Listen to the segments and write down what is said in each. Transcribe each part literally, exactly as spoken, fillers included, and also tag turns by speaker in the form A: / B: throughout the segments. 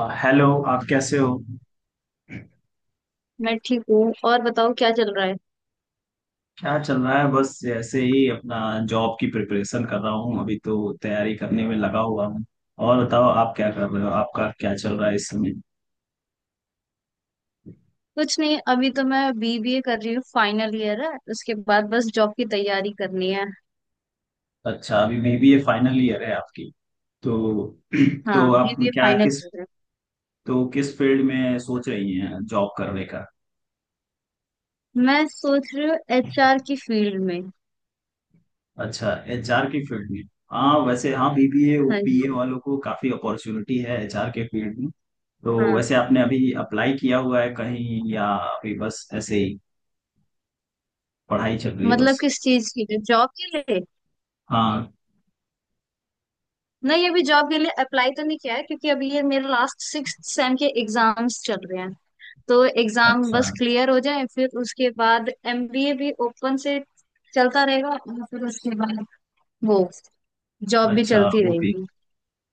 A: अ, hello. आप कैसे हो?
B: मैं ठीक हूँ और बताओ क्या चल रहा है।
A: क्या चल रहा है, बस ऐसे ही अपना जॉब की प्रिपरेशन कर रहा हूँ अभी तो, तैयारी करने में लगा हुआ हूँ। और बताओ आप क्या कर रहे हो, आपका क्या चल रहा है इस समय?
B: कुछ नहीं अभी तो मैं बीबीए कर रही हूँ। फाइनल ईयर है, उसके बाद बस जॉब की तैयारी करनी है।
A: अच्छा, अभी बीबीए फाइनल ईयर है आपकी तो। तो
B: हाँ
A: आप
B: बीबीए
A: क्या
B: फाइनल
A: किस,
B: ईयर है।
A: तो किस फील्ड में सोच रही हैं जॉब करने का?
B: मैं सोच रही हूँ एचआर की फील्ड में।
A: अच्छा, एचआर की फील्ड में। हाँ वैसे, हाँ बीबीए
B: हाँ जी,
A: बीए वालों को काफी अपॉर्चुनिटी है एचआर के फील्ड में। तो
B: हाँ।
A: वैसे आपने अभी अप्लाई किया हुआ है कहीं या अभी बस ऐसे ही पढ़ाई चल रही है
B: मतलब
A: बस?
B: किस चीज के लिए, जॉब के लिए?
A: हाँ।
B: नहीं अभी जॉब के लिए अप्लाई तो नहीं किया है, क्योंकि अभी ये मेरे लास्ट सिक्स सेम के एग्जाम्स चल रहे हैं। तो एग्जाम
A: अच्छा।
B: बस क्लियर हो जाए, फिर उसके बाद एमबीए भी ओपन से चलता रहेगा। और फिर उसके बाद वो जॉब भी
A: अच्छा
B: चलती
A: वो भी।
B: रहेगी।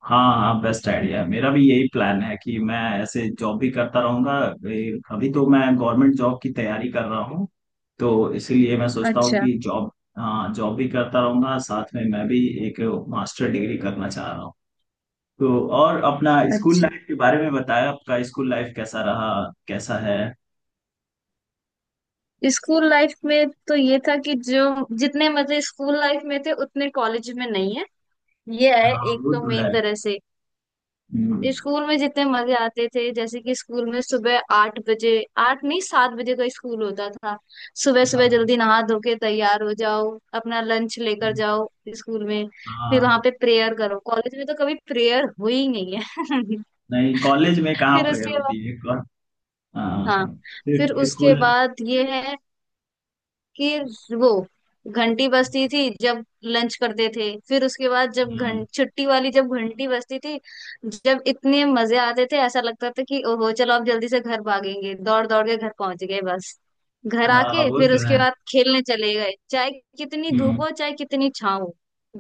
A: हाँ हाँ, बेस्ट
B: हम्म,
A: आइडिया, मेरा भी यही प्लान है कि मैं ऐसे जॉब भी करता रहूंगा। ए, अभी तो मैं गवर्नमेंट जॉब की तैयारी कर रहा हूँ, तो इसीलिए मैं सोचता हूँ
B: अच्छा
A: कि जॉब, हाँ जॉब भी करता रहूंगा साथ में, मैं भी एक मास्टर डिग्री करना चाह रहा हूँ तो। और अपना स्कूल
B: अच्छा।
A: लाइफ के बारे में बताया, आपका स्कूल लाइफ कैसा रहा, कैसा है?
B: स्कूल लाइफ में तो ये था कि जो जितने मजे स्कूल लाइफ में थे उतने कॉलेज में नहीं है। ये है
A: हाँ
B: एक
A: वो
B: तो
A: तो है।
B: मेन तरह से।
A: हम्म।
B: स्कूल में जितने मजे आते थे, जैसे कि स्कूल में सुबह आठ बजे, आठ नहीं सात बजे का स्कूल होता था। सुबह सुबह
A: हाँ
B: जल्दी नहा धो के तैयार हो जाओ। अपना लंच लेकर जाओ स्कूल में। फिर वहां
A: हाँ।
B: पे प्रेयर करो, कॉलेज में तो कभी प्रेयर हुई नहीं है।
A: नहीं, कॉलेज में कहाँ
B: फिर
A: प्रेयर
B: उसके बाद,
A: होती है।
B: हाँ,
A: हाँ,
B: फिर
A: सिर्फ
B: उसके
A: स्कूल।
B: बाद ये है कि वो घंटी बजती थी जब लंच करते थे। फिर उसके बाद जब घं
A: हाँ
B: छुट्टी वाली जब घंटी बजती थी, जब इतने मजे आते थे, ऐसा लगता था कि ओहो चलो अब जल्दी से घर भागेंगे। दौड़ दौड़ के घर पहुंच गए बस। घर
A: हाँ,
B: आके
A: वो
B: फिर
A: तो है।
B: उसके बाद खेलने चले गए, चाहे कितनी धूप
A: हम्म।
B: हो चाहे कितनी छाँव हो।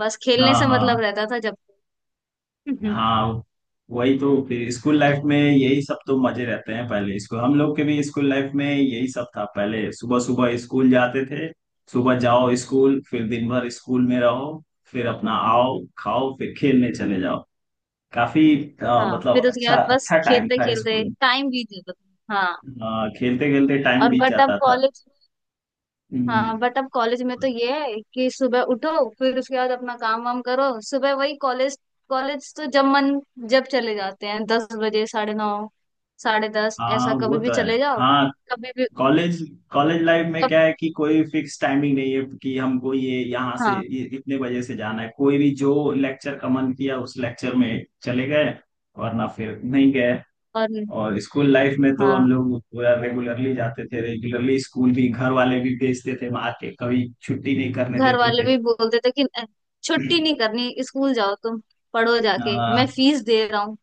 B: बस
A: हाँ
B: खेलने से
A: हाँ
B: मतलब रहता था जब। हम्म,
A: हाँ, वही तो, फिर स्कूल लाइफ में यही सब तो मजे रहते हैं, पहले स्कूल, हम लोग के भी स्कूल लाइफ में यही सब था, पहले सुबह सुबह स्कूल जाते थे। सुबह जाओ स्कूल, फिर दिन भर स्कूल में रहो, फिर अपना आओ खाओ, फिर खेलने चले जाओ। काफी, अ,
B: हाँ
A: मतलब
B: फिर उसके
A: अच्छा
B: बाद बस
A: अच्छा टाइम
B: खेलते
A: था
B: खेलते
A: स्कूल।
B: टाइम बीत जाता था। हाँ।
A: खेलते खेलते टाइम
B: और
A: बीत
B: बट अब
A: जाता था।
B: कॉलेज
A: हम्म।
B: हाँ, बट अब कॉलेज में तो ये है कि सुबह उठो, फिर उसके बाद अपना काम वाम करो। सुबह वही कॉलेज। कॉलेज तो जब मन जब चले जाते हैं दस बजे, साढ़े नौ, साढ़े दस,
A: हाँ
B: ऐसा
A: वो
B: कभी भी
A: तो है।
B: चले जाओ।
A: हाँ।
B: कभी भी।
A: कॉलेज, कॉलेज लाइफ में
B: कब
A: क्या है कि कोई फिक्स टाइमिंग नहीं है, कि हमको ये यहाँ से
B: हाँ,
A: ये इतने बजे से जाना है। कोई भी जो लेक्चर का मन किया, उस लेक्चर में चले गए, वरना फिर नहीं गए।
B: और
A: और स्कूल लाइफ में तो हम
B: हाँ
A: लोग पूरा रेगुलरली जाते थे, रेगुलरली स्कूल भी, घर वाले भी भेजते थे मार के, कभी छुट्टी नहीं करने
B: घर
A: देते
B: वाले
A: थे।
B: भी बोलते थे कि "अ, छुट्टी नहीं करनी, स्कूल जाओ तुम, पढ़ो
A: अ,
B: जाके, मैं फीस दे रहा हूँ।"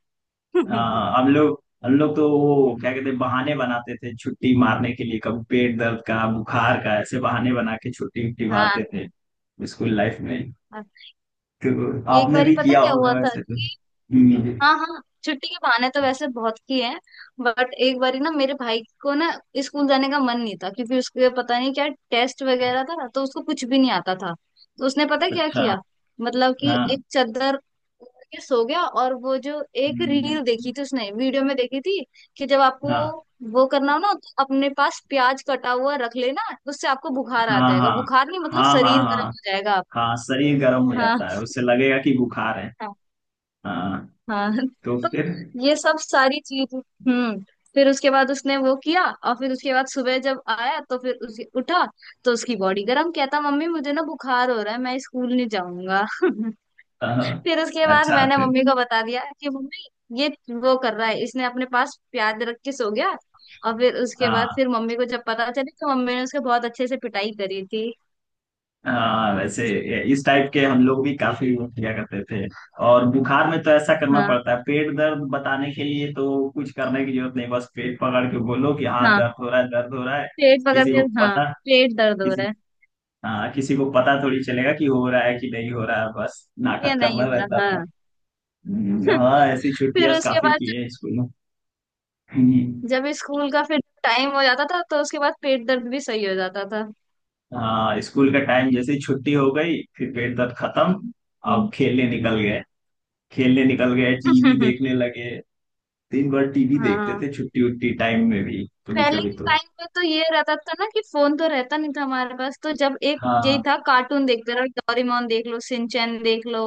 A: हाँ हाँ, हम लोग हम लोग तो वो क्या कहते हैं, बहाने बनाते थे छुट्टी मारने के लिए, कभी पेट दर्द का, बुखार का, ऐसे बहाने बना के छुट्टी उट्टी
B: हाँ
A: मारते थे स्कूल लाइफ में
B: हाँ।
A: तो।
B: एक
A: आपने
B: बार ही
A: भी
B: पता
A: किया
B: क्या
A: होगा
B: हुआ था
A: वैसे तो।
B: कि,
A: हम्म।
B: हाँ हाँ छुट्टी के बहाने तो वैसे बहुत किए हैं। बट एक बारी ना मेरे भाई को ना, स्कूल जाने का मन नहीं था क्योंकि उसके पता नहीं क्या टेस्ट वगैरह था, तो उसको कुछ भी नहीं आता था। तो उसने पता क्या
A: अच्छा।
B: किया, मतलब कि
A: हाँ
B: एक चादर ओढ़ के सो गया। और वो जो एक
A: हाँ
B: रील देखी थी उसने, वीडियो में देखी थी, कि जब आपको
A: हाँ
B: वो करना हो ना तो अपने पास प्याज कटा हुआ रख लेना, उससे आपको बुखार आ
A: हाँ।
B: जाएगा,
A: हाँ
B: बुखार नहीं मतलब
A: हाँ
B: शरीर गर्म
A: हाँ,
B: हो जाएगा आप।
A: हाँ शरीर गर्म हो जाता है, उससे लगेगा कि बुखार है।
B: हाँ
A: हाँ।
B: हाँ।
A: तो
B: तो
A: फिर,
B: ये सब सारी चीज। हम्म, फिर उसके बाद उसने वो किया, और फिर उसके बाद सुबह जब आया तो फिर उस उठा। तो उसकी बॉडी गर्म, कहता मम्मी मुझे ना बुखार हो रहा है, मैं स्कूल नहीं जाऊंगा।
A: हाँ,
B: फिर उसके बाद
A: अच्छा
B: मैंने
A: तो-
B: मम्मी को बता दिया कि मम्मी ये वो कर रहा है, इसने अपने पास प्याज रख के सो गया। और फिर उसके बाद
A: हाँ
B: फिर मम्मी को जब पता चली, तो मम्मी ने उसके बहुत अच्छे से पिटाई करी थी।
A: हाँ वैसे, इस टाइप के हम लोग भी काफी वो किया करते थे। और बुखार में तो ऐसा करना
B: हाँ
A: पड़ता है, पेट दर्द बताने के लिए तो कुछ करने की जरूरत नहीं, बस पेट पकड़ के बोलो कि हाँ
B: हाँ,
A: दर्द हो रहा है, दर्द हो रहा है।
B: पेट पकड़
A: किसी
B: के
A: को
B: हाँ
A: पता
B: पेट दर्द हो रहा
A: किसी
B: है,
A: हाँ, किसी को पता थोड़ी चलेगा कि हो रहा है कि नहीं हो रहा है, बस
B: ये
A: नाटक
B: नहीं
A: करना
B: हो रहा
A: रहता था।
B: हाँ।
A: हम्म। हाँ, ऐसी
B: फिर
A: छुट्टियां
B: उसके
A: काफी की
B: बाद
A: है स्कूल में। हम्म।
B: जब स्कूल का फिर टाइम हो जाता था, तो उसके बाद पेट दर्द भी सही हो जाता था।
A: हाँ, स्कूल का टाइम जैसे ही छुट्टी हो गई, फिर पेट दर्द खत्म। अब
B: हम्म।
A: खेलने निकल गए, खेलने निकल गए, टीवी देखने लगे। दिन भर टीवी देखते
B: हाँ
A: थे, छुट्टी उट्टी टाइम में भी, कभी
B: पहले
A: कभी
B: के
A: तो।
B: टाइम में तो ये रहता था ना कि फोन तो रहता नहीं था हमारे पास, तो जब एक यही
A: हाँ
B: था, कार्टून देखते रहो, डोरेमोन देख लो, सिंचैन देख लो,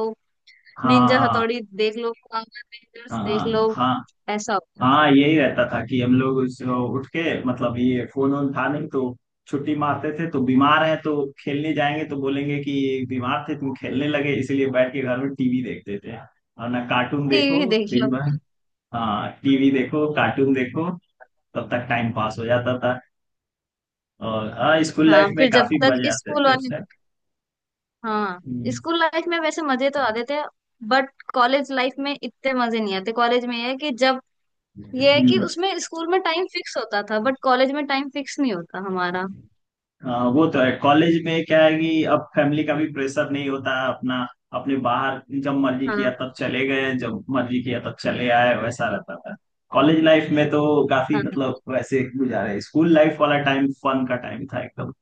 A: हाँ
B: निंजा
A: हाँ
B: हथौड़ी देख लो, पावर रेंजर्स देख
A: हाँ
B: लो,
A: हाँ।
B: ऐसा होता था।
A: हाँ, यही रहता था कि हम लोग उस- उठ के, मतलब ये फोन वोन था नहीं तो, छुट्टी मारते थे तो, बीमार है तो खेलने जाएंगे तो बोलेंगे कि बीमार थे तुम खेलने लगे, इसलिए बैठ के घर में टीवी देखते थे, और ना कार्टून देखो
B: टीवी देख
A: दिन
B: लो।
A: भर। हाँ, टीवी देखो, कार्टून देखो, तब तक टाइम पास हो जाता था। और हाँ, स्कूल लाइफ
B: हाँ
A: में
B: फिर जब
A: काफी
B: तक
A: मजे आते
B: स्कूल
A: थे
B: वाले,
A: उस टाइम।
B: हाँ स्कूल लाइफ में वैसे मजे तो आते थे, बट कॉलेज लाइफ में इतने मजे नहीं आते। कॉलेज में ये है कि जब, ये है कि
A: हम्म।
B: उसमें स्कूल में टाइम फिक्स होता था, बट कॉलेज में टाइम फिक्स नहीं होता हमारा।
A: हाँ वो तो है, कॉलेज में क्या है कि अब फैमिली का भी प्रेशर नहीं होता अपना। अपने बाहर जब मर्जी किया
B: हाँ,
A: तब चले गए, जब मर्जी किया तब चले आए, वैसा रहता था। कॉलेज लाइफ में तो
B: हाँ,
A: काफी मतलब वैसे गुजारे, स्कूल लाइफ वाला टाइम फन का टाइम था एकदम।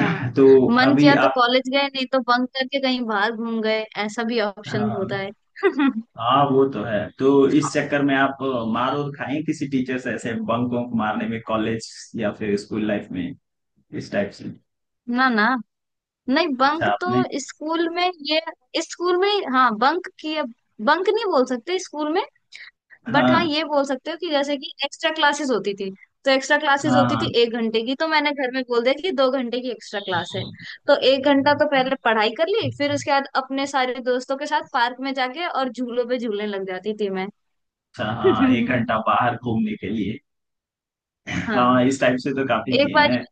B: हाँ
A: तो,
B: मन
A: अभी
B: किया तो
A: आप,
B: कॉलेज गए, नहीं तो बंक करके कहीं बाहर घूम गए, ऐसा भी ऑप्शन होता
A: हाँ
B: है।
A: हाँ वो तो है। तो इस चक्कर में आप अ, मार और खाएं किसी टीचर से, ऐसे बंक वंक मारने में कॉलेज या फिर स्कूल लाइफ में, इस टाइप से?
B: ना ना, नहीं
A: अच्छा
B: बंक तो
A: आपने,
B: स्कूल में, ये स्कूल में हाँ बंक किया। बंक नहीं बोल सकते स्कूल में, बट हाँ
A: हाँ
B: ये बोल सकते हो कि जैसे कि एक्स्ट्रा क्लासेस होती थी। तो एक्स्ट्रा क्लासेस
A: हाँ
B: होती थी
A: हाँ।
B: एक घंटे की, तो मैंने घर में बोल दिया कि दो घंटे की एक्स्ट्रा क्लास है। तो एक घंटा तो पहले पढ़ाई कर ली, फिर उसके बाद अपने सारे दोस्तों के साथ पार्क में जाके और झूलों पे झूलने लग जाती थी मैं।
A: अच्छा हाँ, एक घंटा बाहर घूमने के लिए।
B: हाँ।
A: हाँ, इस टाइप से तो काफी
B: एक
A: किए
B: बार
A: हैं।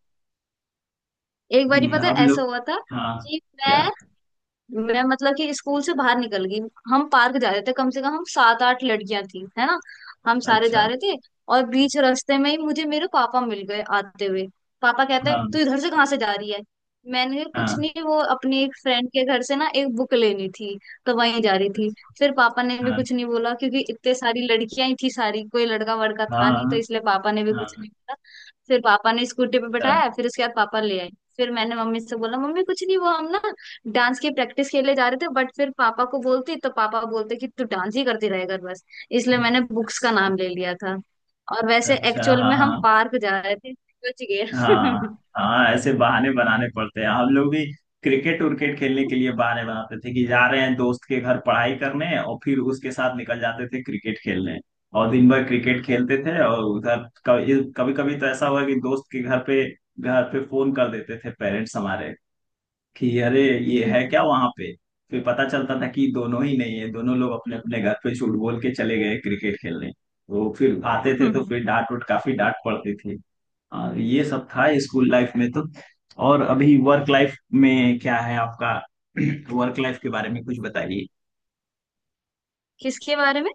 B: एक बारी
A: हम्म,
B: पता है
A: हम
B: ऐसा
A: लोग।
B: हुआ था
A: हाँ।
B: कि
A: क्या?
B: मैं मैं मतलब कि स्कूल से बाहर निकल गई। हम पार्क जा रहे थे, कम से कम हम सात आठ लड़कियां थी है ना, हम सारे
A: अच्छा।
B: जा रहे थे। और बीच रास्ते में ही मुझे मेरे पापा मिल गए आते हुए। पापा कहते हैं,
A: हाँ
B: "तू इधर से कहाँ से जा रही है?" मैंने कहा,
A: हाँ।
B: "कुछ नहीं, वो अपनी एक फ्रेंड के घर से ना एक बुक लेनी थी, तो वहीं जा रही थी।"
A: अच्छा,
B: फिर पापा ने भी कुछ नहीं बोला, क्योंकि इतने सारी लड़कियां ही थी सारी, कोई लड़का वड़का था
A: हाँ
B: नहीं तो,
A: हाँ
B: इसलिए पापा ने भी कुछ
A: हाँ।
B: नहीं बोला। फिर पापा ने स्कूटी पे
A: अच्छा,
B: बैठाया, फिर उसके बाद पापा ले आए। फिर मैंने मम्मी से बोला, "मम्मी कुछ नहीं, वो हम ना डांस की प्रैक्टिस के लिए जा रहे थे।" बट फिर पापा को बोलती तो पापा बोलते कि तू डांस ही करती रहेगा बस, इसलिए मैंने बुक्स का
A: अच्छा
B: नाम ले लिया था। और वैसे
A: अच्छा।
B: एक्चुअल
A: हाँ
B: में हम
A: हाँ
B: पार्क जा रहे थे। बच गए।
A: हाँ। हाँ, ऐसे बहाने बनाने पड़ते हैं हम लोग भी। क्रिकेट उर्केट खेलने के लिए बहाने बनाते थे, कि जा रहे हैं दोस्त के घर पढ़ाई करने, और फिर उसके साथ निकल जाते थे क्रिकेट खेलने, और दिन भर क्रिकेट खेलते थे और उधर, कभी कभी तो ऐसा हुआ कि दोस्त के घर पे, घर पे फोन कर देते थे पेरेंट्स हमारे, कि अरे ये है क्या वहां पे। फिर पता चलता था कि दोनों ही नहीं है, दोनों लोग अपने अपने घर पे झूठ बोल के चले गए क्रिकेट खेलने, तो फिर आते थे तो
B: हम्म।
A: फिर डांट उट, काफी डांट पड़ती थी। हाँ, ये सब था स्कूल लाइफ में तो। और अभी वर्क लाइफ में क्या है आपका? वर्क लाइफ के बारे में कुछ बताइए।
B: किसके बारे में?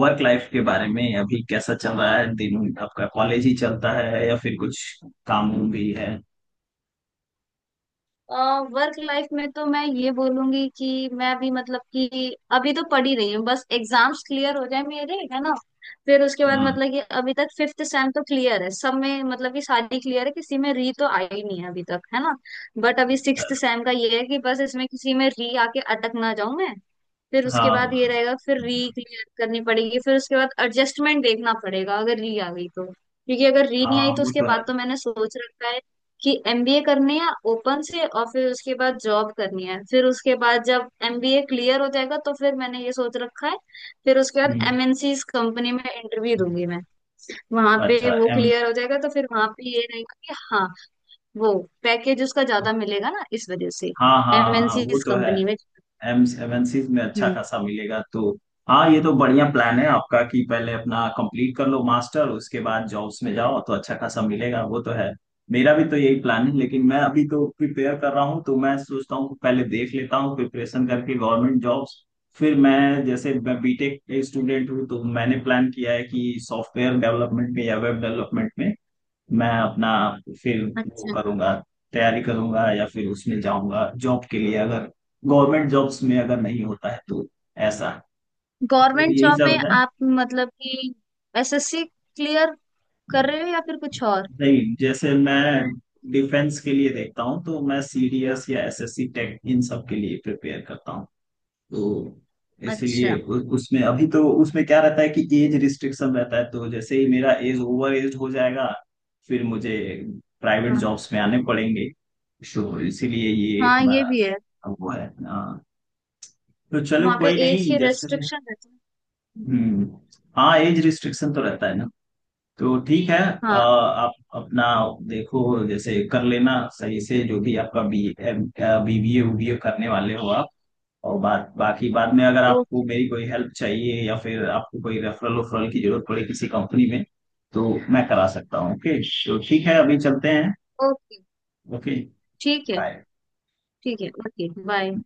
A: वर्क लाइफ के बारे में अभी कैसा चल रहा है, दिन आपका कॉलेज ही चलता है या फिर कुछ काम वाम भी है?
B: वर्क लाइफ में तो मैं ये बोलूंगी कि मैं भी मतलब कि अभी तो पढ़ ही रही हूँ। बस एग्जाम्स क्लियर हो जाए मेरे, है ना। फिर उसके बाद
A: हाँ
B: मतलब कि अभी तक फिफ्थ सेम तो क्लियर है सब में, मतलब कि सारी क्लियर है, किसी में री तो आई नहीं है अभी तक, है ना। बट अभी सिक्स्थ सेम का ये है कि बस इसमें किसी में री आके अटक ना जाऊं मैं। फिर उसके
A: हाँ
B: बाद ये रहेगा फिर री क्लियर करनी पड़ेगी, फिर उसके बाद एडजस्टमेंट देखना पड़ेगा अगर री आ गई तो। क्योंकि अगर री नहीं
A: हाँ,
B: आई तो
A: वो
B: उसके
A: तो है।
B: बाद तो मैंने सोच रखा है कि एमबीए करनी है ओपन से और फिर उसके बाद जॉब करनी है। फिर उसके बाद जब एमबीए क्लियर हो जाएगा तो फिर मैंने ये सोच रखा है, फिर उसके बाद
A: हम्म,
B: एमएनसी कंपनी में इंटरव्यू दूंगी मैं। वहां पे
A: अच्छा
B: वो
A: एम,
B: क्लियर हो जाएगा तो फिर वहां पे ये रहेगा कि हाँ, वो पैकेज उसका ज्यादा मिलेगा ना इस वजह से,
A: हाँ हाँ हाँ,
B: एमएनसी
A: वो तो है।
B: कंपनी में।
A: एम एमएनसीज में अच्छा
B: हम्म,
A: खासा मिलेगा तो। हाँ, ये तो बढ़िया प्लान है आपका कि पहले अपना कंप्लीट कर लो मास्टर, उसके बाद जॉब्स में जाओ तो अच्छा खासा मिलेगा, वो तो है। मेरा भी तो यही प्लान है, लेकिन मैं अभी तो प्रिपेयर कर रहा हूँ, तो मैं सोचता हूँ कि पहले देख लेता हूँ प्रिपरेशन करके गवर्नमेंट जॉब्स। फिर मैं, जैसे मैं बीटेक स्टूडेंट हूँ, तो मैंने प्लान किया है कि सॉफ्टवेयर डेवलपमेंट में या वेब डेवलपमेंट में मैं अपना, फिर वो
B: अच्छा,
A: करूंगा, तैयारी करूंगा या फिर उसमें जाऊंगा जॉब के लिए, अगर गवर्नमेंट जॉब्स में अगर नहीं होता है तो, ऐसा, तो
B: गवर्नमेंट
A: यही
B: जॉब में
A: सब है।
B: आप मतलब कि एसएससी क्लियर कर रहे हो या फिर कुछ और?
A: नहीं, जैसे मैं डिफेंस के लिए देखता हूँ तो मैं सीडीएस या एसएससी टेक इन सब के लिए प्रिपेयर करता हूँ तो,
B: अच्छा,
A: इसलिए उ- उसमें अभी तो, उसमें क्या रहता है कि एज रिस्ट्रिक्शन रहता है, तो जैसे ही मेरा एज ओवर एज हो जाएगा, फिर मुझे प्राइवेट
B: हाँ
A: जॉब्स में आने पड़ेंगे, तो इसीलिए ये
B: हाँ ये
A: हमारा,
B: भी है,
A: अब वो है हाँ। तो चलो
B: वहाँ पे
A: कोई
B: एज
A: नहीं,
B: की
A: जैसे भी।
B: रेस्ट्रिक्शन रहती है।
A: हम्म। हाँ, एज रिस्ट्रिक्शन तो रहता है ना, तो ठीक है। अ,
B: हाँ।
A: आप अपना देखो, जैसे कर लेना सही से जो भी आपका बी बीबीए उबीए करने वाले हो आप, और बात बाकी बाद में। अगर आपको
B: ओके।
A: मेरी कोई हेल्प चाहिए या फिर आपको कोई रेफरल उफरल की जरूरत पड़े किसी कंपनी में, तो मैं करा सकता हूँ। ओके, तो ठीक है अभी चलते हैं।
B: ओके।
A: ओके,
B: ठीक है।
A: बाय।
B: ठीक है ओके, बाय।